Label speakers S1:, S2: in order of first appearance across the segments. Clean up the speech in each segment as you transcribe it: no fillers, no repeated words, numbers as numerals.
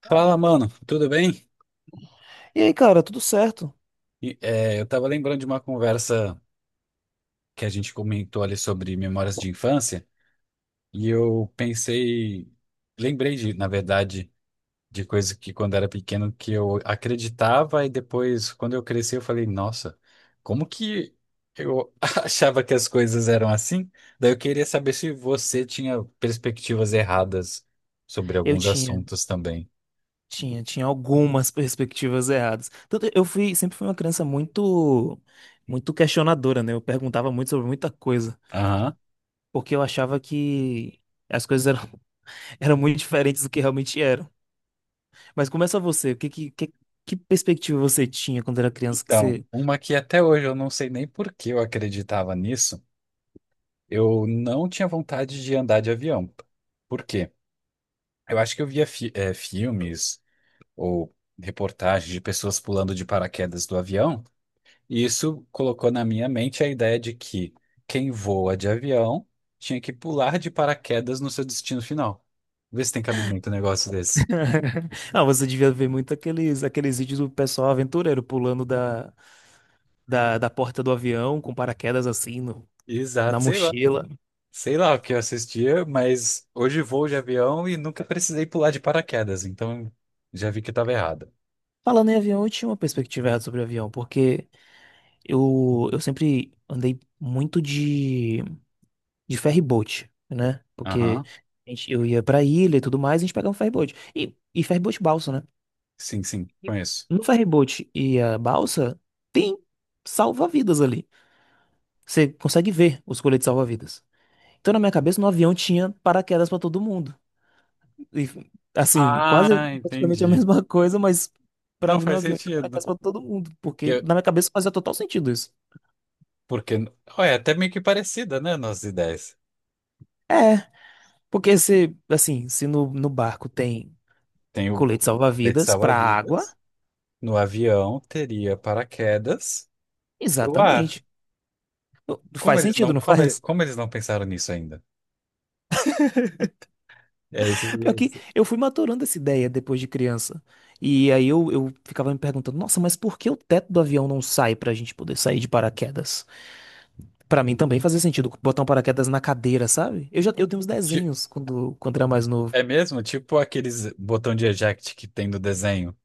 S1: Fala, mano, tudo bem?
S2: E aí, cara, tudo certo?
S1: Eu tava lembrando de uma conversa que a gente comentou ali sobre memórias de infância, e eu pensei, lembrei de, na verdade, de coisas que quando era pequeno que eu acreditava, e depois, quando eu cresci, eu falei, nossa, como que eu achava que as coisas eram assim? Daí eu queria saber se você tinha perspectivas erradas sobre
S2: Eu
S1: alguns
S2: tinha.
S1: assuntos também.
S2: Tinha algumas perspectivas erradas. Tanto eu fui, sempre fui uma criança muito questionadora, né? Eu perguntava muito sobre muita coisa,
S1: Aham.
S2: porque eu achava que as coisas eram muito diferentes do que realmente eram. Mas começa você, o que, que perspectiva você tinha quando era criança que
S1: Então,
S2: você...
S1: uma que até hoje eu não sei nem por que eu acreditava nisso. Eu não tinha vontade de andar de avião. Por quê? Eu acho que eu via filmes ou reportagens de pessoas pulando de paraquedas do avião, e isso colocou na minha mente a ideia de que quem voa de avião tinha que pular de paraquedas no seu destino final. Vê se tem cabimento um negócio desse.
S2: Ah, você devia ver muito aqueles vídeos do pessoal aventureiro pulando da porta do avião com paraquedas assim no, na
S1: Exato, sei lá.
S2: mochila.
S1: Sei lá o que eu assistia, mas hoje voo de avião e nunca precisei pular de paraquedas, então já vi que estava errado.
S2: Falando em avião, eu tinha uma perspectiva errada sobre avião, porque eu sempre andei muito de ferry boat, né? Porque
S1: Aham.
S2: eu ia pra ilha e tudo mais, a gente pegava um ferry boat. E ferry boat balsa, né?
S1: Sim, sim,
S2: E
S1: conheço.
S2: no ferry boat e a balsa tem salva-vidas ali. Você consegue ver os coletes salva-vidas. Então, na minha cabeça, no avião tinha paraquedas pra todo mundo. E, assim, quase
S1: Ah,
S2: praticamente a
S1: entendi.
S2: mesma coisa, mas pra
S1: Não
S2: mim no
S1: faz
S2: avião tinha
S1: sentido.
S2: paraquedas pra todo mundo. Porque
S1: Que-
S2: na minha cabeça fazia total sentido isso.
S1: Porque, olha, é até meio que parecida, né, nossas ideias.
S2: É. Porque se, assim, se no barco tem
S1: Tem o
S2: colete
S1: colete
S2: salva-vidas pra água,
S1: salva-vidas, no avião teria paraquedas pro ar.
S2: exatamente.
S1: Como
S2: Faz
S1: eles
S2: sentido,
S1: não,
S2: não
S1: como,
S2: faz?
S1: como eles não pensaram nisso ainda? É, esse-
S2: Pior que
S1: esse-
S2: eu fui maturando essa ideia depois de criança. E aí eu ficava me perguntando, nossa, mas por que o teto do avião não sai pra gente poder sair de paraquedas? Pra mim também fazia sentido botar um paraquedas na cadeira, sabe? Eu tenho uns
S1: ti-
S2: desenhos quando era mais novo.
S1: é mesmo? Tipo aqueles botão de eject que tem no desenho,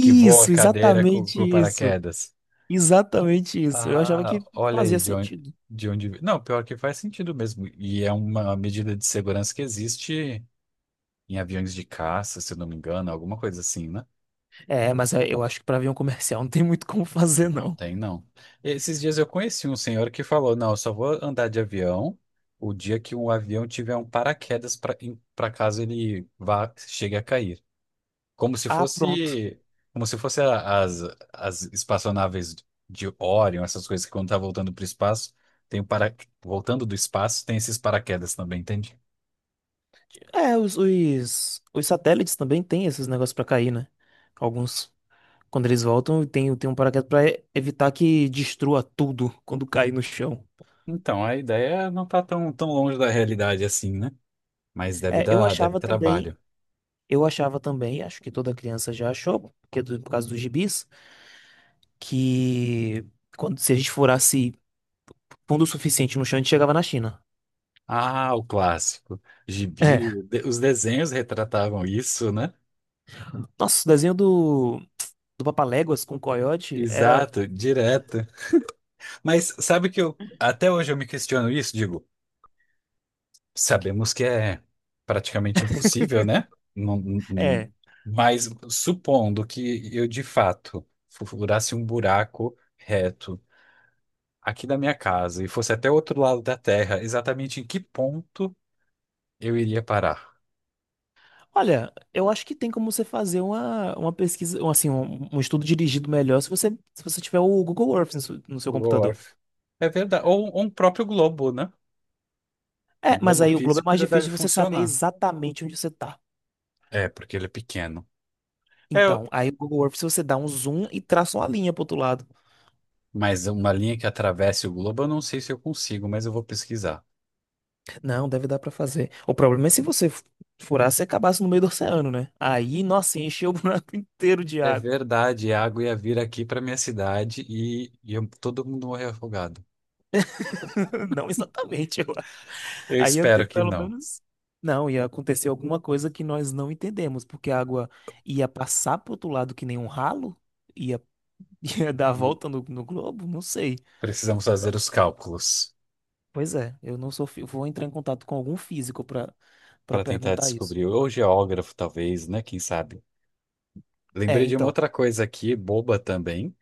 S1: que voa a cadeira
S2: exatamente
S1: com
S2: isso.
S1: paraquedas.
S2: Exatamente isso. Eu achava
S1: Ah,
S2: que
S1: olha aí
S2: fazia sentido.
S1: de onde... Não, pior que faz sentido mesmo. E é uma medida de segurança que existe em aviões de caça, se eu não me engano, alguma coisa assim, né?
S2: Mas eu acho que pra avião comercial não tem muito como fazer,
S1: Não
S2: não.
S1: tem, não. Esses dias eu conheci um senhor que falou: não, eu só vou andar de avião o dia que um avião tiver um paraquedas para para caso ele vá, chegue a cair. Como se
S2: Ah, pronto.
S1: fosse, como se fosse as, as espaçonaves de Orion, essas coisas que quando tá voltando para o espaço, tem o para, voltando do espaço, tem esses paraquedas também, entende?
S2: É, os satélites também têm esses negócios pra cair, né? Alguns, quando eles voltam, tem um paraquedas pra evitar que destrua tudo quando cair no chão.
S1: Então, a ideia não tá tão, tão longe da realidade assim, né? Mas deve
S2: É,
S1: dar, deve ter trabalho.
S2: eu achava também, acho que toda criança já achou, porque por causa dos gibis, que quando se a gente furasse fundo o suficiente no chão, a gente chegava na China.
S1: Ah, o clássico. Gibi,
S2: É.
S1: os desenhos retratavam isso, né?
S2: Nossa, o desenho do Papaléguas com o Coyote era.
S1: Exato, direto. Mas sabe que eu até hoje eu me questiono isso, digo, sabemos que é praticamente impossível, né? Não- não- não-
S2: É.
S1: mas supondo que eu de fato furasse um buraco reto aqui da minha casa e fosse até o outro lado da Terra, exatamente em que ponto eu iria parar?
S2: Olha, eu acho que tem como você fazer uma pesquisa, um, assim, um estudo dirigido melhor se você tiver o Google Earth no seu computador.
S1: Gorf. É verdade. Ou um próprio globo, né?
S2: É,
S1: Um
S2: mas
S1: globo
S2: aí o globo é
S1: físico
S2: mais
S1: já deve
S2: difícil de você saber
S1: funcionar.
S2: exatamente onde você tá.
S1: É, porque ele é pequeno. É, eu-
S2: Então, aí o Google Earth, se você dá um zoom e traça uma linha pro outro lado.
S1: mas uma linha que atravesse o globo, eu não sei se eu consigo, mas eu vou pesquisar.
S2: Não, deve dar pra fazer. O problema é se você furasse e acabasse no meio do oceano, né? Aí, nossa, encheu o buraco inteiro de
S1: É
S2: água.
S1: verdade, a água ia vir aqui para minha cidade e, todo mundo morrer afogado.
S2: Não exatamente.
S1: Eu
S2: Aí ia ter
S1: espero que
S2: pelo
S1: não.
S2: menos. Não, ia acontecer alguma coisa que nós não entendemos, porque a água ia passar pro outro lado que nem um ralo? Ia, ia dar a volta no globo? Não sei.
S1: Precisamos fazer os cálculos
S2: Pois é, eu não sou. Fi- Vou entrar em contato com algum físico para
S1: para tentar
S2: perguntar isso.
S1: descobrir. Ou geógrafo, talvez, né? Quem sabe?
S2: É,
S1: Lembrei de uma
S2: então.
S1: outra coisa aqui, boba também,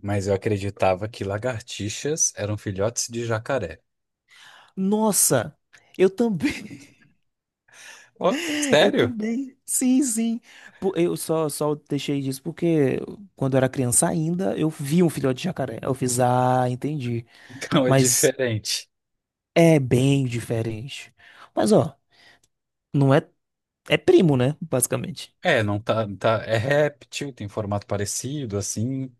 S1: mas eu acreditava que lagartixas eram filhotes de jacaré.
S2: Nossa! Eu também.
S1: Ó,
S2: Eu
S1: sério?
S2: também. Sim, sim. Eu só deixei disso porque quando eu era criança ainda, eu vi um filhote de jacaré. Eu fiz, ah, entendi.
S1: Então é
S2: Mas.
S1: diferente.
S2: É bem diferente. Mas, ó, não é. É primo, né? Basicamente.
S1: É, não tá, tá. É réptil, tem formato parecido, assim.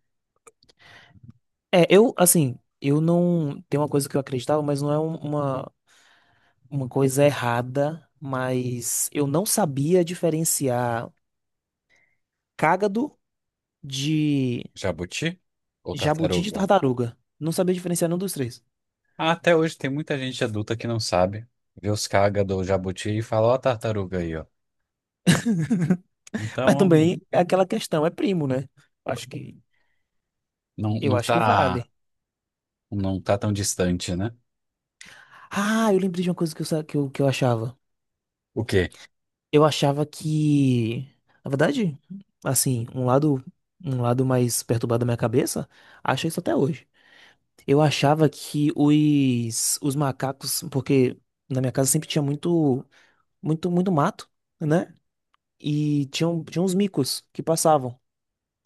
S2: É, eu, assim, eu não. Tem uma coisa que eu acreditava, mas não é uma coisa errada. Mas eu não sabia diferenciar cágado de
S1: Jabuti ou
S2: jabuti de
S1: tartaruga?
S2: tartaruga. Não sabia diferenciar nenhum dos três.
S1: Ah, até hoje tem muita gente adulta que não sabe. Vê os caga do jabuti e fala, ó, a tartaruga aí, ó.
S2: Mas
S1: Então,
S2: também é aquela questão, é primo, né? Acho que.
S1: não,
S2: Eu
S1: não
S2: acho que
S1: tá,
S2: vale.
S1: não tá tão distante, né?
S2: Ah, eu lembrei de uma coisa que eu, sa- que eu achava.
S1: O quê?
S2: Eu achava que, na verdade, assim, um lado mais perturbado da minha cabeça, acha isso até hoje. Eu achava que os macacos, porque na minha casa sempre tinha muito mato, né? E tinha uns micos que passavam.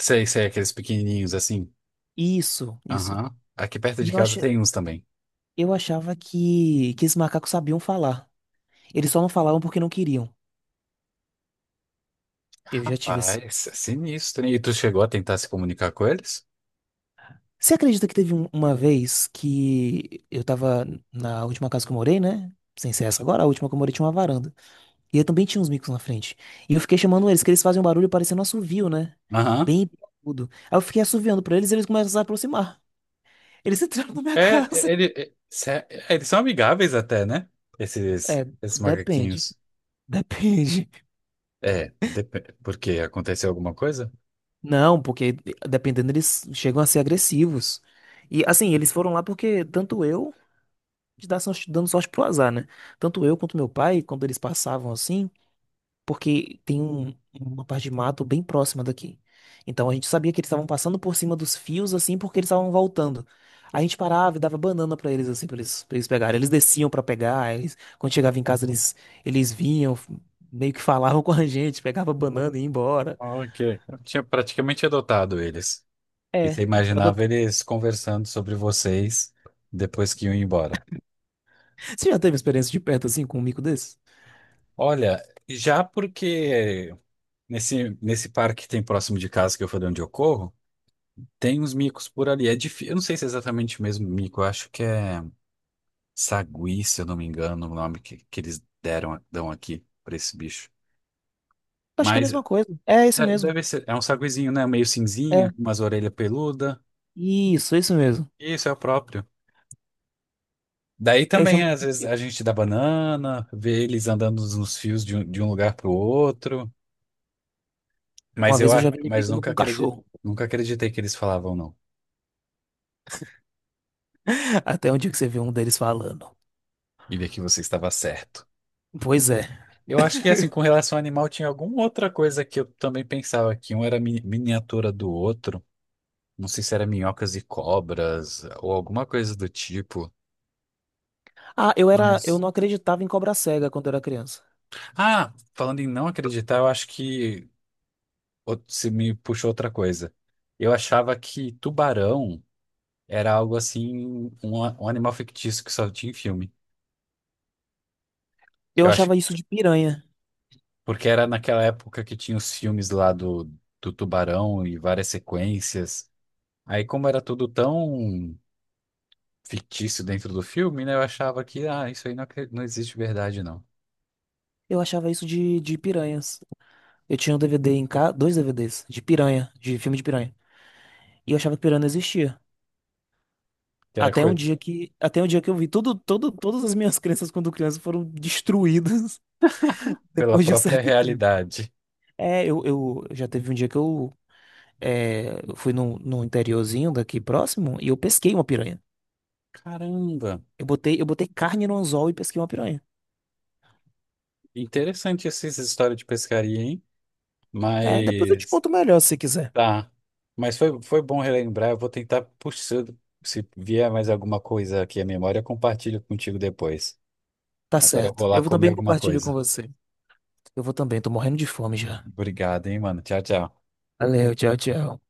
S1: Sei, sei, aqueles pequenininhos assim.
S2: Isso, isso.
S1: Aham. Aqui perto
S2: E
S1: de
S2: eu,
S1: casa
S2: acha,
S1: tem uns também.
S2: eu achava que esses macacos sabiam falar. Eles só não falavam porque não queriam. Eu já tive esse.
S1: Rapaz, é sinistro, hein? E tu chegou a tentar se comunicar com eles?
S2: Você acredita que teve uma vez que eu tava na última casa que eu morei, né? Sem ser essa agora, a última que eu morei tinha uma varanda. E eu também tinha uns micos na frente. E eu fiquei chamando eles, que eles fazem um barulho parecendo um assovio, né?
S1: Aham.
S2: Bem agudo. Aí eu fiquei assoviando pra eles e eles começam a se aproximar. Eles entraram na minha casa.
S1: Eles são amigáveis até, né? Esses,
S2: É,
S1: esses
S2: depende.
S1: macaquinhos.
S2: Depende.
S1: É, porque aconteceu alguma coisa?
S2: Não, porque dependendo, eles chegam a ser agressivos. E assim, eles foram lá porque tanto eu, dando sorte pro azar, né? Tanto eu quanto meu pai, quando eles passavam assim. Porque tem uma parte de mato bem próxima daqui. Então a gente sabia que eles estavam passando por cima dos fios assim porque eles estavam voltando. A gente parava e dava banana pra eles assim, pra eles pegarem. Eles desciam pra pegar, eles, quando chegava em casa eles vinham, meio que falavam com a gente, pegava banana e ia embora.
S1: Ah, ok. Eu tinha praticamente adotado eles.
S2: É,
S1: E você imaginava
S2: adota-
S1: eles conversando sobre vocês depois que iam embora.
S2: Você já teve experiência de perto assim com um mico desse?
S1: Olha, já porque nesse, nesse parque que tem próximo de casa, que eu falei onde eu corro, tem uns micos por ali. É difícil. Eu não sei se é exatamente o mesmo mico, eu acho que é. Sagui, se eu não me engano, o nome que eles deram, dão aqui pra esse bicho.
S2: Acho que é a
S1: Mas
S2: mesma coisa. É esse
S1: é,
S2: mesmo.
S1: deve ser, é um saguizinho, né? Meio cinzinha,
S2: É.
S1: com umas orelhas peludas.
S2: Isso mesmo.
S1: Isso é o próprio. Daí
S2: Eu
S1: também,
S2: chamo
S1: às
S2: de
S1: vezes, a
S2: mico.
S1: gente dá banana, vê eles andando nos fios de um lugar pro outro.
S2: Uma vez eu já vi ele
S1: Mas
S2: brigando com
S1: nunca
S2: um
S1: acreditei,
S2: cachorro.
S1: nunca acreditei que eles falavam não.
S2: Até onde que você viu um deles falando?
S1: E vi que você estava certo.
S2: Pois é.
S1: Eu acho que, assim, com relação ao animal, tinha alguma outra coisa que eu também pensava que um era miniatura do outro. Não sei se era minhocas e cobras ou alguma coisa do tipo.
S2: Ah, eu
S1: Mas.
S2: não acreditava em cobra cega quando eu era criança.
S1: Ah, falando em não acreditar, eu acho que se me puxou outra coisa. Eu achava que tubarão era algo assim, um animal fictício que só tinha em filme.
S2: Eu
S1: Eu acho
S2: achava
S1: que
S2: isso de piranha.
S1: porque era naquela época que tinha os filmes lá do, do tubarão e várias sequências. Aí, como era tudo tão fictício dentro do filme, né? Eu achava que, ah, isso aí não, não existe verdade, não.
S2: Eu achava isso de piranhas. Eu tinha um DVD em casa, dois DVDs de piranha, de filme de piranha. E eu achava que piranha não existia.
S1: Que era
S2: Até um
S1: coi-
S2: dia que, até um dia que eu vi tudo, todo, todas as minhas crenças quando criança foram destruídas
S1: Pela
S2: depois de um
S1: própria
S2: certo tempo.
S1: realidade.
S2: É, eu já teve um dia que eu, é, eu fui num interiorzinho daqui próximo e eu pesquei uma piranha.
S1: Caramba,
S2: Eu botei carne no anzol e pesquei uma piranha.
S1: interessante essas história de pescaria, hein?
S2: É, depois eu te
S1: Mas
S2: conto melhor se você quiser.
S1: tá. Mas foi, foi bom relembrar. Eu vou tentar puxar. Se vier mais alguma coisa aqui à memória, eu compartilho contigo depois.
S2: Tá
S1: Agora eu
S2: certo.
S1: vou lá
S2: Eu vou
S1: comer
S2: também
S1: alguma
S2: compartilho com
S1: coisa.
S2: você. Eu vou também, tô morrendo de fome já.
S1: Obrigado, hein, mano. Tchau, tchau.
S2: Valeu, tchau, tchau.